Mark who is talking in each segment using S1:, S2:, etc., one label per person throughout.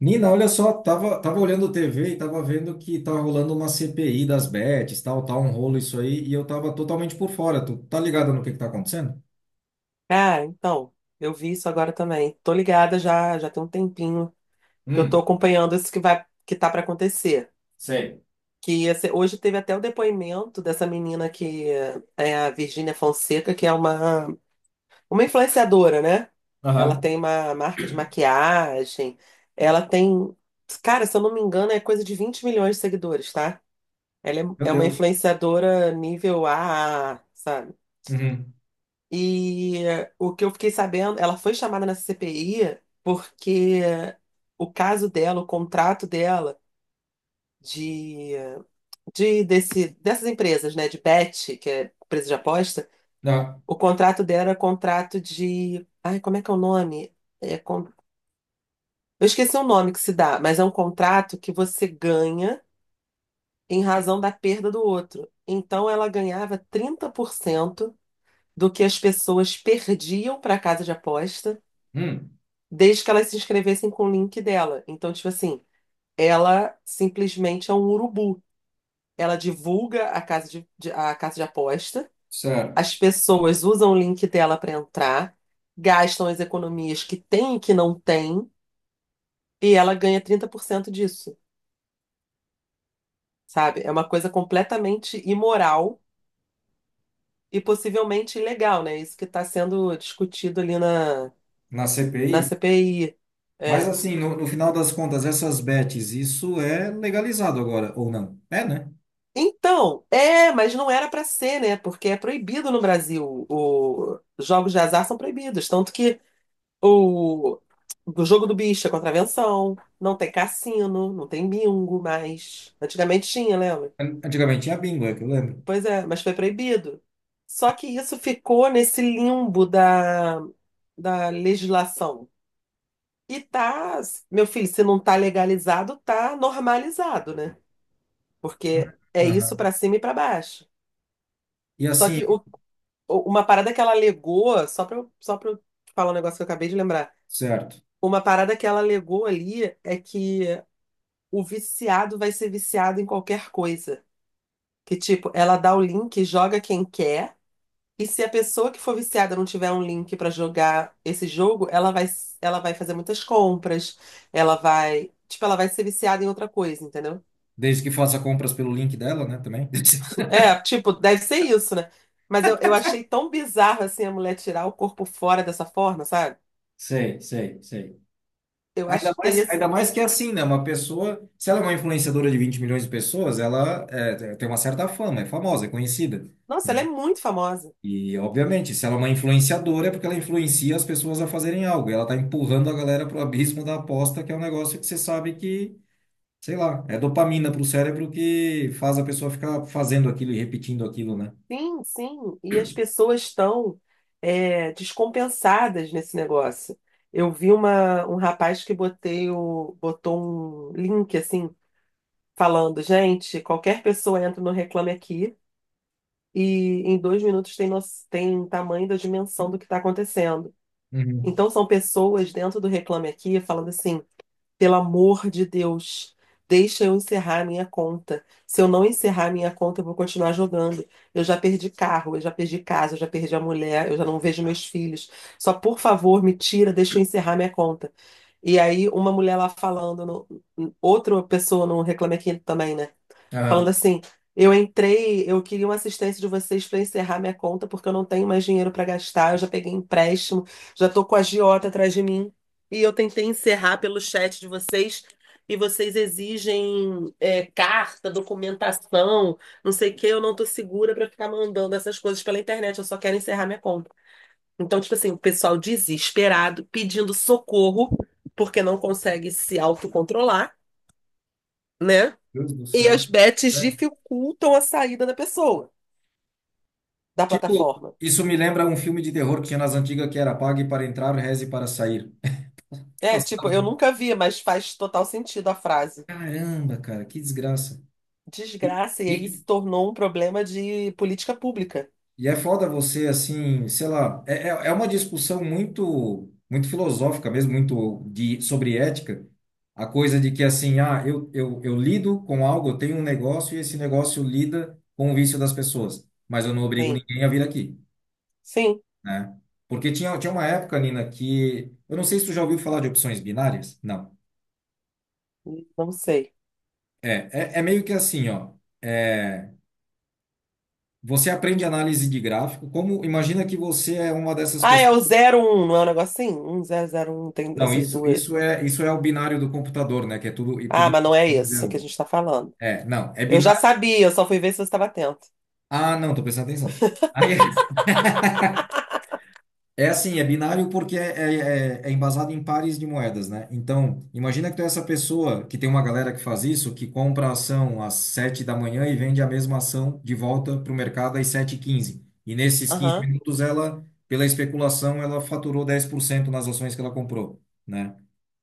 S1: Nina, olha só, tava olhando TV e tava vendo que tá rolando uma CPI das bets, tal, tá um rolo isso aí, e eu tava totalmente por fora. Tu tá ligado no que tá acontecendo?
S2: Cara, então, eu vi isso agora também. Tô ligada já, já tem um tempinho que eu tô
S1: Hum,
S2: acompanhando isso que vai, que tá pra acontecer.
S1: sei.
S2: Hoje teve até o depoimento dessa menina que é a Virgínia Fonseca, que é uma influenciadora, né? Ela
S1: Aham.
S2: tem uma marca de maquiagem, ela tem, cara, se eu não me engano, é coisa de 20 milhões de seguidores, tá? Ela
S1: Meu
S2: é, é uma
S1: Deus.
S2: influenciadora nível a, A, sabe?
S1: Uhum.
S2: E o que eu fiquei sabendo, ela foi chamada nessa CPI porque o caso dela, o contrato dela de, de dessas empresas, né, de bet, que é empresa de aposta,
S1: Dá.
S2: o contrato dela era contrato de, ai, como é que é o nome? É, con- eu esqueci o nome que se dá, mas é um contrato que você ganha em razão da perda do outro. Então ela ganhava 30% do que as pessoas perdiam para a casa de aposta
S1: Hum,
S2: desde que elas se inscrevessem com o link dela. Então, tipo assim, ela simplesmente é um urubu. Ela divulga a casa de aposta,
S1: certo.
S2: as pessoas usam o link dela para entrar, gastam as economias que tem e que não tem, e ela ganha 30% disso, sabe? É uma coisa completamente imoral e possivelmente ilegal, né? Isso que está sendo discutido
S1: Na
S2: na
S1: CPI?
S2: CPI.
S1: Mas assim, no final das contas, essas bets, isso é legalizado agora, ou não? É, né?
S2: Então, é, mas não era pra ser, né? Porque é proibido no Brasil. Os jogos de azar são proibidos. Tanto que o, o jogo do bicho é contravenção, não tem cassino, não tem bingo mais. Antigamente tinha, lembra?
S1: Antigamente tinha bingo, é que eu lembro.
S2: Pois é, mas foi proibido. Só que isso ficou nesse limbo da legislação. E tá, meu filho, se não tá legalizado, tá normalizado, né? Porque é isso
S1: Aham.
S2: pra cima e pra baixo.
S1: E
S2: Só
S1: assim,
S2: que o Uma parada que ela alegou, só pra eu falar um negócio que eu acabei de lembrar.
S1: certo.
S2: Uma parada que ela alegou ali é que o viciado vai ser viciado em qualquer coisa. Que, tipo, ela dá o link, joga quem quer, e se a pessoa que for viciada não tiver um link pra jogar esse jogo, ela vai fazer muitas compras, ela vai. Tipo, ela vai ser viciada em outra coisa, entendeu?
S1: Desde que faça compras pelo link dela, né, também.
S2: É, tipo, deve ser isso, né? Mas eu achei tão bizarro assim a mulher tirar o corpo fora dessa forma, sabe?
S1: Sei, sei, sei.
S2: Eu acho que teria.
S1: Ainda mais que é assim, né? Uma pessoa, se ela é uma influenciadora de 20 milhões de pessoas, ela é, tem uma certa fama, é famosa, é conhecida,
S2: Nossa, ela é
S1: né?
S2: muito famosa.
S1: E, obviamente, se ela é uma influenciadora, é porque ela influencia as pessoas a fazerem algo. E ela está empurrando a galera pro abismo da aposta, que é um negócio que você sabe que, sei lá, é dopamina pro cérebro que faz a pessoa ficar fazendo aquilo e repetindo aquilo, né?
S2: Sim, sim. E as pessoas estão é, descompensadas nesse negócio. Eu vi um rapaz que botou um link assim, falando, gente, qualquer pessoa entra no Reclame Aqui e em 2 minutos tem, no, tem tamanho da dimensão do que está acontecendo.
S1: Uhum.
S2: Então são pessoas dentro do Reclame Aqui falando assim. Pelo amor de Deus, deixa eu encerrar a minha conta. Se eu não encerrar a minha conta, eu vou continuar jogando. Eu já perdi carro, eu já perdi casa, eu já perdi a mulher, eu já não vejo meus filhos. Só por favor, me tira, deixa eu encerrar minha conta. E aí, uma mulher lá falando, no- outra pessoa no Reclame Aqui também, né? Falando
S1: Ah,
S2: assim, eu entrei, eu queria uma assistência de vocês para encerrar minha conta, porque eu não tenho mais dinheiro para gastar, eu já peguei empréstimo, já tô com a agiota atrás de mim. E eu tentei encerrar pelo chat de vocês, e vocês exigem é, carta, documentação, não sei o que, eu não tô segura para ficar mandando essas coisas pela internet, eu só quero encerrar minha conta. Então, tipo assim, o pessoal desesperado, pedindo socorro, porque não consegue se autocontrolar, né?
S1: Deus do
S2: E
S1: céu.
S2: as bets
S1: É.
S2: dificultam a saída da pessoa da
S1: Tipo,
S2: plataforma.
S1: isso me lembra um filme de terror que tinha nas antigas que era Pague para entrar, reze para sair.
S2: É, tipo, eu
S1: Passava.
S2: nunca vi, mas faz total sentido a frase.
S1: Caramba, cara, que desgraça. E,
S2: Desgraça, e aí
S1: e,
S2: se tornou um problema de política pública.
S1: e é foda você, assim, sei lá, é uma discussão muito, muito filosófica mesmo, muito de, sobre ética. A coisa de que, assim, ah, eu lido com algo, eu tenho um negócio e esse negócio lida com o vício das pessoas, mas eu não obrigo
S2: Sim,
S1: ninguém a vir aqui,
S2: sim,
S1: né? Porque tinha uma época, Nina, que eu não sei se tu já ouviu falar de opções binárias. Não.
S2: não sei.
S1: É, é meio que assim, ó. É, você aprende análise de gráfico. Como imagina que você é uma dessas
S2: Ah, é o
S1: pessoas?
S2: zero um. Não é um negocinho? Um zero zero um tem
S1: Não,
S2: essas
S1: isso
S2: duas.
S1: isso é isso é o binário do computador, né? Que é tudo e tudo
S2: Ah, mas não é
S1: em
S2: isso
S1: zero,
S2: que a
S1: um.
S2: gente tá falando.
S1: É, não, é
S2: Eu já
S1: binário.
S2: sabia, eu só fui ver se você estava atento.
S1: Ah, não, tô prestando atenção. Aí é assim, é binário porque é embasado em pares de moedas, né? Então, imagina que tu é essa pessoa que tem uma galera que faz isso, que compra a ação às sete da manhã e vende a mesma ação de volta para o mercado às sete h 15. E nesses 15
S2: Aham,
S1: minutos, ela, pela especulação, ela faturou 10% nas ações que ela comprou, né?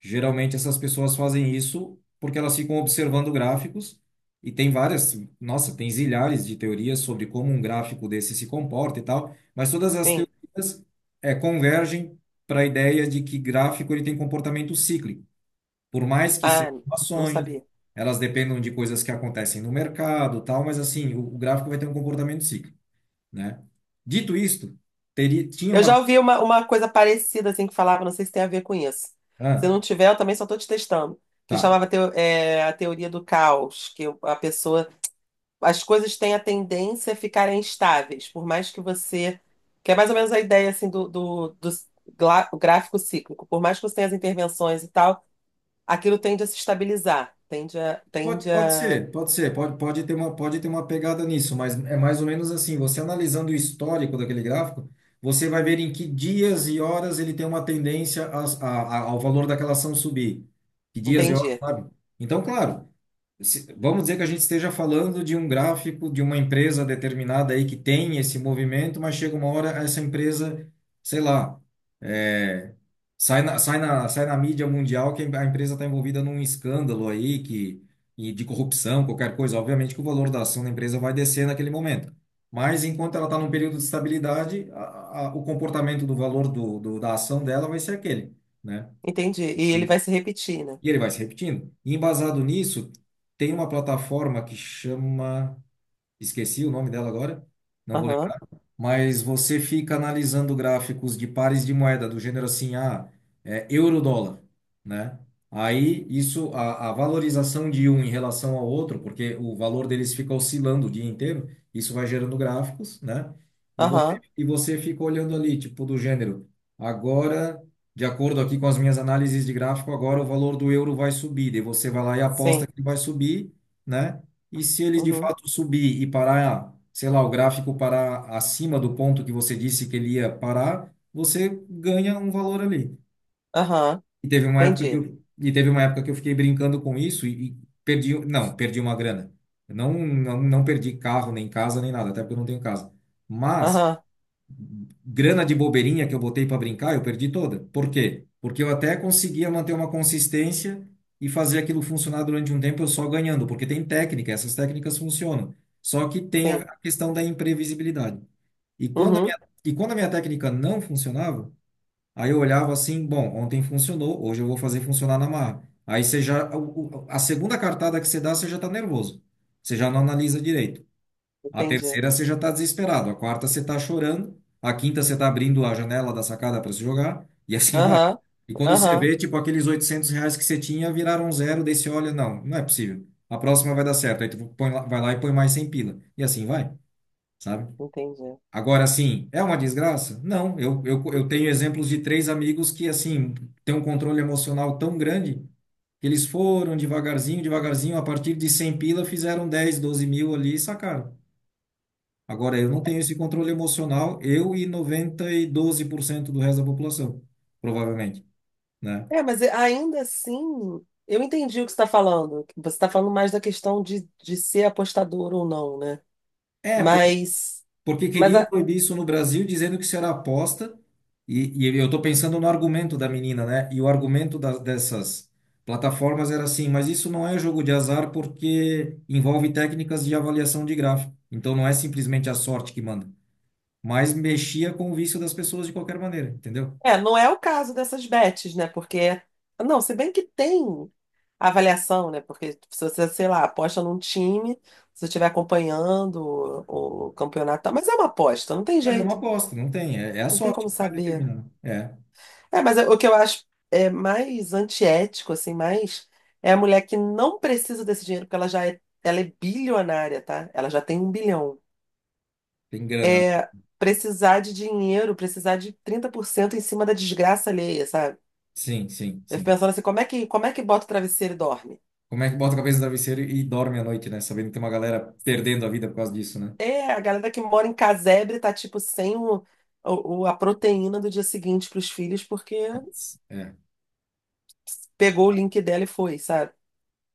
S1: Geralmente, essas pessoas fazem isso porque elas ficam observando gráficos e tem várias, nossa, tem zilhares de teorias sobre como um gráfico desse se comporta e tal, mas todas as
S2: sim.
S1: teorias, é, convergem para a ideia de que gráfico ele tem comportamento cíclico. Por mais que
S2: Ah,
S1: sejam
S2: não
S1: ações,
S2: sabia.
S1: elas dependam de coisas que acontecem no mercado, tal, mas assim, o gráfico vai ter um comportamento cíclico, né? Dito isto, tinha
S2: Eu
S1: uma...
S2: já ouvi uma coisa parecida, assim, que falava, não sei se tem a ver com isso. Se
S1: Ah,
S2: não tiver, eu também só estou te testando. Que
S1: tá.
S2: chamava a teoria do caos, que a pessoa... As coisas têm a tendência a ficarem estáveis, por mais que você... Que é mais ou menos a ideia, assim, o gráfico cíclico. Por mais que você tenha as intervenções e tal, aquilo tende a se estabilizar. Tende a...
S1: Pode,
S2: Tende
S1: pode
S2: a...
S1: ser, pode ser, pode, pode ter uma pegada nisso, mas é mais ou menos assim, você analisando o histórico daquele gráfico, você vai ver em que dias e horas ele tem uma tendência a- ao valor daquela ação subir. Que dias e, hum, horas,
S2: Entendi.
S1: sabe? Então, claro, se- vamos dizer que a gente esteja falando de um gráfico de uma empresa determinada aí que tem esse movimento, mas chega uma hora essa empresa, sei lá, é, sai na mídia mundial que a empresa está envolvida num escândalo aí que, e de corrupção, qualquer coisa. Obviamente que o valor da ação da empresa vai descer naquele momento. Mas enquanto ela está num período de estabilidade, a, o comportamento do valor da ação dela vai ser aquele, né?
S2: Entendi. E ele
S1: E,
S2: vai se repetir, né?
S1: e ele vai se repetindo. E embasado nisso, tem uma plataforma que chama. Esqueci o nome dela agora. Não vou
S2: Aham.
S1: lembrar, mas você fica analisando gráficos de pares de moeda do gênero assim, ah, é, euro-dólar, né? Aí isso, a valorização de um em relação ao outro, porque o valor deles fica oscilando o dia inteiro, isso vai gerando gráficos, né?
S2: Aham.
S1: E você fica olhando ali, tipo, do gênero, agora, de acordo aqui com as minhas análises de gráfico, agora o valor do euro vai subir, daí você vai lá e aposta
S2: Sim.
S1: que vai subir, né? E se ele de
S2: Uhum.
S1: fato subir e parar, sei lá, o gráfico parar acima do ponto que você disse que ele ia parar, você ganha um valor ali.
S2: Aham. Entendi.
S1: E teve uma época que eu fiquei brincando com isso e perdi, não, perdi uma grana. Eu não, não, não perdi carro, nem casa, nem nada, até porque eu não tenho casa. Mas
S2: Aham.
S1: grana de bobeirinha que eu botei para brincar, eu perdi toda. Por quê? Porque eu até conseguia manter uma consistência e fazer aquilo funcionar durante um tempo eu só ganhando, porque tem técnica, essas técnicas funcionam. Só que tem a
S2: Sim.
S1: a questão da imprevisibilidade. E quando a
S2: Uhum.
S1: minha, e quando a minha técnica não funcionava, aí eu olhava assim, bom, ontem funcionou, hoje eu vou fazer funcionar na marra. Aí você já, o- a segunda cartada que você dá, você já está nervoso. Você já não analisa direito. A
S2: Entendi.
S1: terceira você já está desesperado, a quarta você está chorando, a quinta você está abrindo a janela da sacada para se jogar, e assim vai.
S2: Aham.
S1: E quando você
S2: Aham.
S1: vê, tipo, aqueles 800 reais que você tinha viraram um zero, daí você olha, não, não é possível. A próxima vai dar certo, aí tu põe lá- vai lá e põe mais 100 pila, e assim vai, sabe?
S2: Entendi.
S1: Agora, assim, é uma desgraça? Não, eu, eu tenho exemplos de três amigos que, assim, têm um controle emocional tão grande que eles foram devagarzinho, devagarzinho, a partir de 100 pila, fizeram 10, 12 mil ali e sacaram. Agora, eu não tenho esse controle emocional, eu e noventa e doze por cento do resto da população, provavelmente, né?
S2: Ainda assim, eu entendi o que você está falando. Você está falando mais da questão de ser apostador ou não, né?
S1: É,
S2: Mas,
S1: porque
S2: mas
S1: queriam
S2: a-
S1: proibir isso no Brasil, dizendo que isso era aposta, e eu estou pensando no argumento da menina, né? E o argumento das, dessas plataformas era assim, mas isso não é jogo de azar porque envolve técnicas de avaliação de gráfico. Então não é simplesmente a sorte que manda, mas mexia com o vício das pessoas de qualquer maneira, entendeu?
S2: não é o caso dessas bets, né? Porque, não, se bem que tem avaliação, né? Porque se você, sei lá, aposta num time, se você estiver acompanhando o campeonato, e tal, mas é uma aposta, não tem
S1: Mas é uma
S2: jeito.
S1: aposta, não tem, é, é a
S2: Não tem
S1: sorte
S2: como
S1: que vai
S2: saber.
S1: determinar, né? É.
S2: O que eu acho é mais antiético, assim, mais é a mulher que não precisa desse dinheiro, porque ela é bilionária, tá? Ela já tem um bilhão.
S1: Tem grana, né?
S2: É precisar de dinheiro, precisar de 30% em cima da desgraça alheia, sabe?
S1: Sim, sim,
S2: Eu fico
S1: sim.
S2: pensando assim, como é que bota o travesseiro e dorme?
S1: Como é que bota a cabeça no travesseiro e dorme à noite, né? Sabendo que tem uma galera perdendo a vida por causa disso, né?
S2: É, a galera que mora em casebre tá, tipo, sem a proteína do dia seguinte pros filhos, porque
S1: Putz, é.
S2: pegou o link dela e foi, sabe?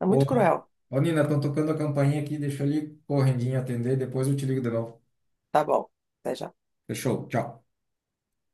S2: É
S1: Ô,
S2: muito cruel.
S1: ô Nina, estão tocando a campainha aqui, deixa eu ali correndinho atender, depois eu te ligo de novo.
S2: Tá bom. Até já.
S1: Fechou, tchau.